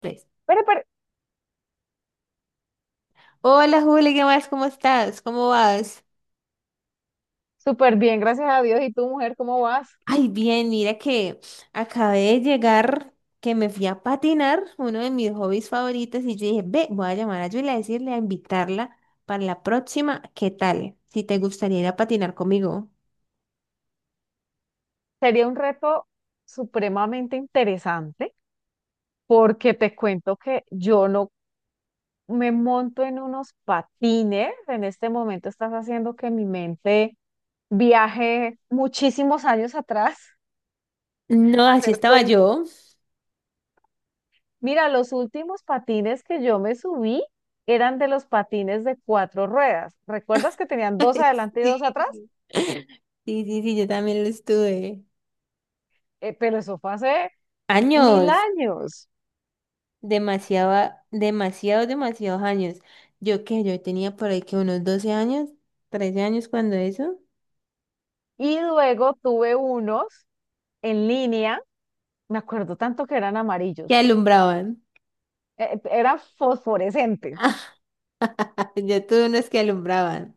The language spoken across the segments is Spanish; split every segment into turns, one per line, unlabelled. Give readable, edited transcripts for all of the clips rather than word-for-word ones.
Tres.
Pero, pero,
Hola Juli, ¿qué más? ¿Cómo estás? ¿Cómo vas?
Súper bien, gracias a Dios. ¿Y tú, mujer, cómo vas?
Ay, bien, mira que acabé de llegar, que me fui a patinar, uno de mis hobbies favoritos, y yo dije, ve, voy a llamar a Julia a decirle, a invitarla para la próxima. ¿Qué tal si te gustaría ir a patinar conmigo?
Sería un reto supremamente interesante porque te cuento que yo no me monto en unos patines. En este momento estás haciendo que mi mente viaje muchísimos años atrás.
No, así
Hacer
estaba
cuenta.
yo.
Mira, los últimos patines que yo me subí eran de los patines de cuatro ruedas. ¿Recuerdas que tenían dos adelante y dos atrás?
Sí, sí, sí, sí, yo también lo estuve.
Pero eso fue hace mil
Años.
años.
Demasiado, demasiados, demasiados años. Yo tenía por ahí que unos 12 años, 13 años cuando eso,
Y luego tuve unos en línea, me acuerdo tanto que eran
que
amarillos,
alumbraban.
eran fosforescentes.
Yo tuve unos que alumbraban.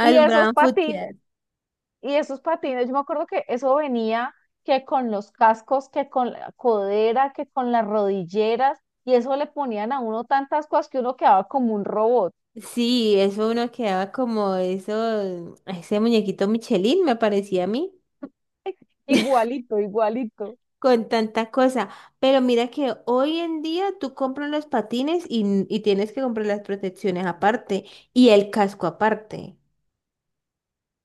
Y esos patines,
futsal.
y esos patines, yo me acuerdo que eso venía que con los cascos, que con la codera, que con las rodilleras, y eso le ponían a uno tantas cosas que uno quedaba como un robot,
Sí, eso uno quedaba como eso, ese muñequito Michelin me parecía a mí,
igualito, igualito.
con tanta cosa. Pero mira que hoy en día tú compras los patines y tienes que comprar las protecciones aparte y el casco aparte.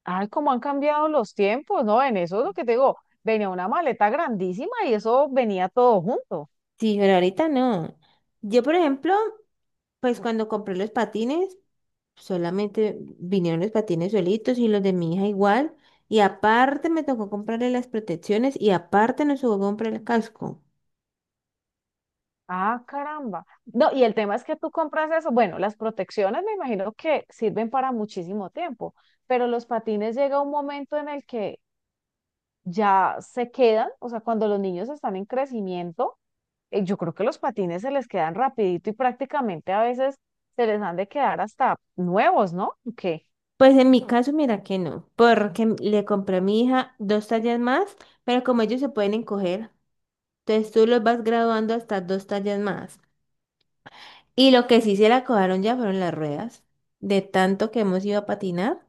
Ay, cómo han cambiado los tiempos, ¿no? En eso es lo que te digo, venía una maleta grandísima y eso venía todo junto.
Sí, pero ahorita no. Yo, por ejemplo, pues cuando compré los patines, solamente vinieron los patines solitos y los de mi hija igual. Y aparte me tocó comprarle las protecciones y aparte nos tocó comprar el casco.
Ah, caramba. No, y el tema es que tú compras eso. Bueno, las protecciones me imagino que sirven para muchísimo tiempo, pero los patines llega un momento en el que ya se quedan, o sea, cuando los niños están en crecimiento, yo creo que los patines se les quedan rapidito y prácticamente a veces se les han de quedar hasta nuevos, ¿no? Que
Pues en mi caso, mira que no, porque le compré a mi hija dos tallas más, pero como ellos se pueden encoger, entonces tú los vas graduando hasta dos tallas más. Y lo que sí se la cojaron ya fueron las ruedas. De tanto que hemos ido a patinar,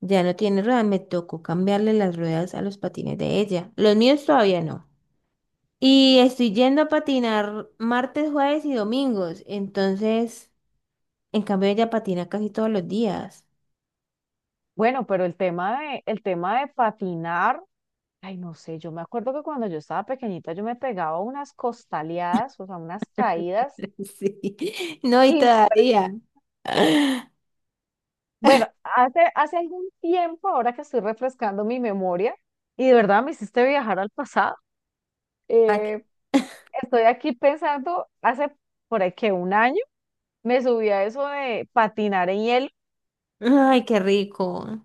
ya no tiene ruedas, me tocó cambiarle las ruedas a los patines de ella. Los míos todavía no. Y estoy yendo a patinar martes, jueves y domingos. Entonces, en cambio, ella patina casi todos los días.
bueno, pero el tema de patinar, ay, no sé, yo me acuerdo que cuando yo estaba pequeñita yo me pegaba unas costaleadas, o sea, unas caídas.
Sí. No, y todavía.
Bueno, hace algún tiempo, ahora que estoy refrescando mi memoria, y de verdad me hiciste viajar al pasado,
Ay,
eh, estoy aquí pensando, hace por ahí que un año me subí a eso de patinar en hielo.
ay, qué rico.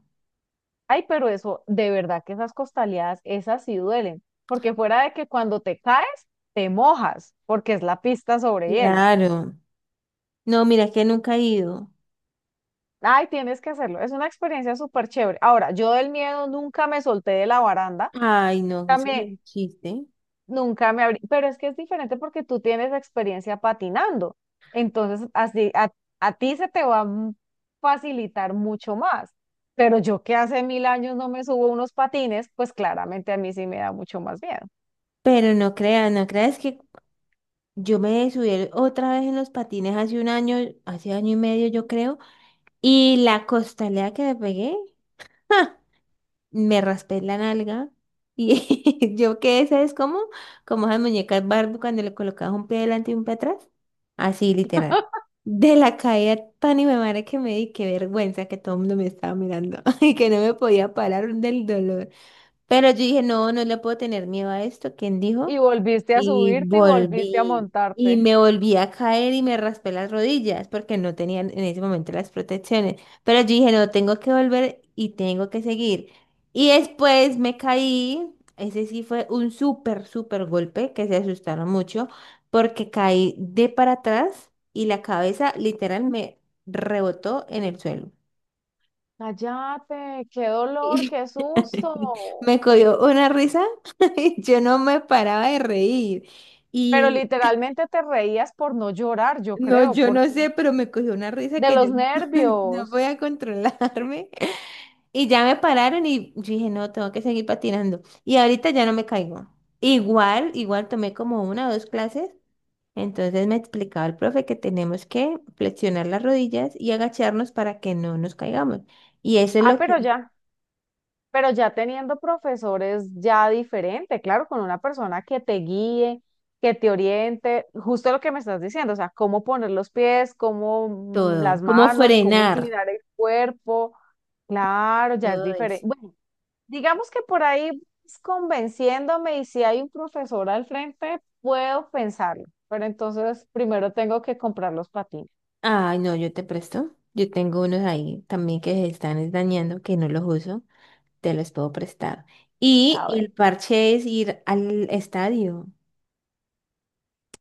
Ay, pero eso, de verdad que esas costaleadas, esas sí duelen, porque fuera de que cuando te caes, te mojas, porque es la pista sobre hielo.
Claro. No, mira que nunca he ido.
Ay, tienes que hacerlo, es una experiencia súper chévere. Ahora, yo del miedo nunca me solté de la baranda.
Ay, no, eso no es
También.
un chiste.
Nunca me abrí, pero es que es diferente porque tú tienes experiencia patinando. Entonces, así a ti se te va a facilitar mucho más. Pero yo que hace 1000 años no me subo unos patines, pues claramente a mí sí me da mucho más miedo.
Pero no creas, no creas que yo me subí otra vez en los patines hace un año, hace año y medio, yo creo. Y la costalera que me pegué. Me raspé la nalga y yo quedé, ¿sabes cómo? Como esas muñecas Barbie cuando le colocabas un pie delante y un pie atrás. Así, literal. De la caída tan y me madre que me di, qué vergüenza que todo el mundo me estaba mirando y que no me podía parar del dolor. Pero yo dije, no, no le puedo tener miedo a esto. ¿Quién dijo?
Y volviste a
Y
subirte y volviste a
volví, y
montarte.
me volví a caer y me raspé las rodillas porque no tenían en ese momento las protecciones. Pero yo dije, no, tengo que volver y tengo que seguir. Y después me caí, ese sí fue un súper, súper golpe que se asustaron mucho porque caí de para atrás y la cabeza literal me rebotó en el suelo.
Cállate, qué dolor,
Y
qué susto.
me cogió una risa y yo no me paraba de reír.
Pero
Y
literalmente te reías por no llorar, yo
no,
creo,
yo no
porque
sé, pero me cogió una risa
de
que yo
los
no, no
nervios.
podía controlarme. Y ya me pararon y yo dije, no, tengo que seguir patinando. Y ahorita ya no me caigo. Igual, igual tomé como una o dos clases. Entonces me explicaba el profe que tenemos que flexionar las rodillas y agacharnos para que no nos caigamos. Y eso es
Ah,
lo que
pero
es
ya. Pero ya teniendo profesores ya diferente, claro, con una persona que te guíe, que te oriente, justo lo que me estás diciendo, o sea, cómo poner los pies, cómo
todo,
las
como
manos, cómo
frenar,
inclinar el cuerpo, claro, ya es
todo eso.
diferente. Bueno, digamos que por ahí es convenciéndome y si hay un profesor al frente, puedo pensarlo, pero entonces primero tengo que comprar los patines.
Ay, no, yo te presto. Yo tengo unos ahí también que se están es dañando, que no los uso. Te los puedo prestar. Y
A ver,
el parche es ir al estadio,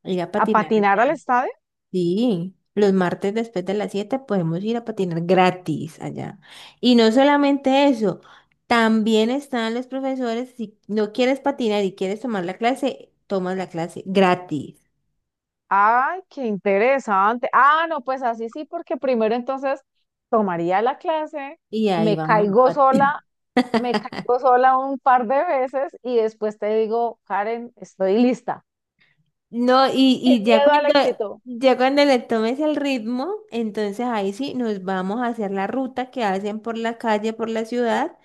ir a
¿a
patinar
patinar al
allá.
estadio?
Sí, los martes después de las 7 podemos ir a patinar gratis allá. Y no solamente eso, también están los profesores. Si no quieres patinar y quieres tomar la clase, tomas la clase gratis.
Ay, qué interesante. Ah, no, pues así sí, porque primero entonces tomaría la clase,
Y ahí
me
vamos a
caigo
patinar.
sola, me caigo sola un par de veces y después te digo, Karen, estoy lista.
No, y
Sin
ya
miedo al
cuando,
éxito.
ya cuando le tomes el ritmo, entonces ahí sí nos vamos a hacer la ruta que hacen por la calle, por la ciudad.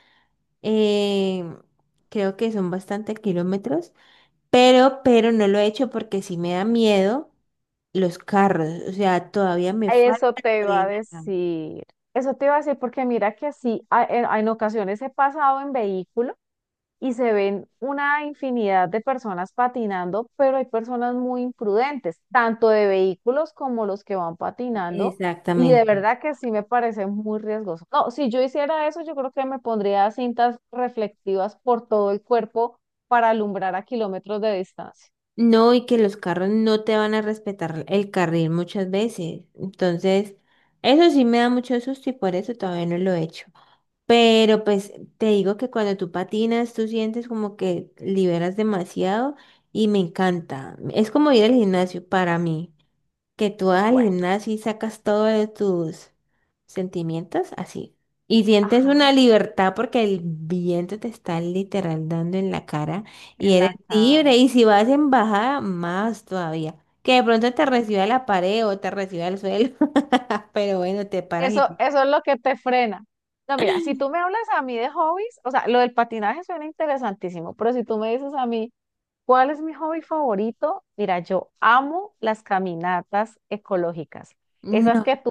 eh, Creo que son bastantes kilómetros, pero no lo he hecho porque sí me da miedo los carros. O sea, todavía me
Eso
falta
te iba a
frenar.
decir. Eso te iba a decir porque mira que sí, en ocasiones he pasado en vehículo y se ven una infinidad de personas patinando, pero hay personas muy imprudentes, tanto de vehículos como los que van patinando, y de
Exactamente.
verdad que sí me parece muy riesgoso. No, si yo hiciera eso, yo creo que me pondría cintas reflectivas por todo el cuerpo para alumbrar a kilómetros de distancia.
No, y que los carros no te van a respetar el carril muchas veces. Entonces, eso sí me da mucho susto y por eso todavía no lo he hecho. Pero pues te digo que cuando tú patinas, tú sientes como que liberas demasiado y me encanta. Es como ir al gimnasio para mí, que tú vas al
Bueno.
gimnasio y sacas todos tus sentimientos así. Y sientes
Ajá,
una libertad porque el viento te está literal dando en la cara y
en
eres
la cara.
libre. Y si vas en bajada, más todavía. Que de pronto te reciba la pared o te reciba el suelo. Pero bueno, te paras
Eso,
y...
eso es lo que te frena. No, mira, si tú me hablas a mí de hobbies, o sea, lo del patinaje suena interesantísimo, pero si tú me dices a mí, ¿cuál es mi hobby favorito? Mira, yo amo las caminatas ecológicas. Esas que
No.
tú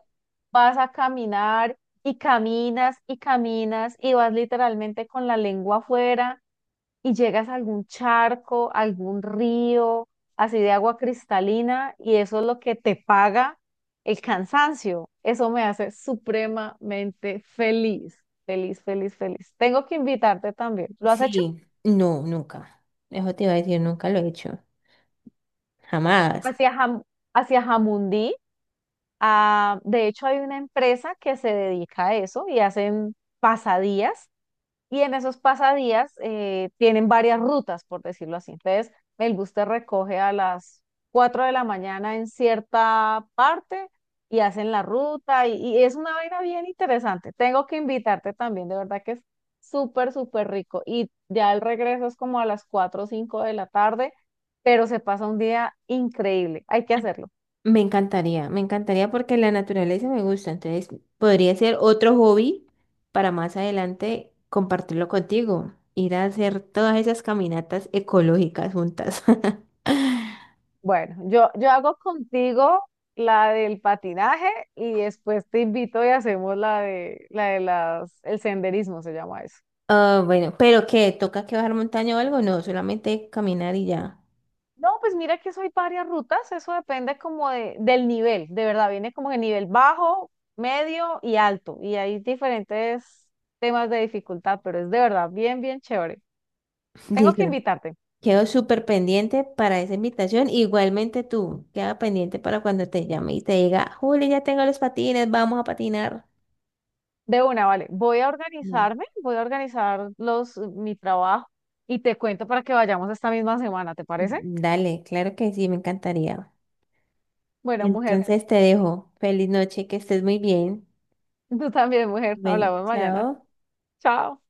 vas a caminar y caminas y caminas y vas literalmente con la lengua afuera y llegas a algún charco, algún río, así de agua cristalina y eso es lo que te paga el cansancio. Eso me hace supremamente feliz, feliz, feliz, feliz. Tengo que invitarte también. ¿Lo has hecho?
Sí, no, nunca. Eso te iba a decir, nunca lo he hecho. Jamás.
Hacia Jam- hacia Jamundí. Ah, de hecho, hay una empresa que se dedica a eso y hacen pasadías. Y en esos pasadías tienen varias rutas, por decirlo así. Entonces, el bus te recoge a las 4 de la mañana en cierta parte y hacen la ruta. Y es una vaina bien interesante. Tengo que invitarte también, de verdad que es súper, súper rico. Y ya el regreso es como a las 4 o 5 de la tarde, pero se pasa un día increíble. Hay que hacerlo.
Me encantaría porque la naturaleza me gusta. Entonces, podría ser otro hobby para más adelante compartirlo contigo. Ir a hacer todas esas caminatas ecológicas juntas.
Bueno, yo hago contigo la del patinaje y después te invito y hacemos el senderismo se llama eso.
Ah, bueno, pero ¿qué? ¿Toca que bajar montaña o algo? No, solamente caminar y ya.
No, pues mira que eso hay varias rutas, eso depende como de, del nivel, de verdad, viene como de nivel bajo, medio y alto, y hay diferentes temas de dificultad, pero es de verdad bien, bien chévere. Tengo que
Listo.
invitarte.
Quedo súper pendiente para esa invitación. Igualmente tú, queda pendiente para cuando te llame y te diga, Juli, ya tengo los patines, vamos a patinar.
De una, vale, voy a
No.
organizarme, voy a organizar los, mi trabajo y te cuento para que vayamos esta misma semana, ¿te parece?
Dale, claro que sí, me encantaría.
Bueno, mujer.
Entonces te dejo. Feliz noche, que estés muy bien.
Tú también, mujer.
Bueno,
Hablamos mañana.
chao.
Chao.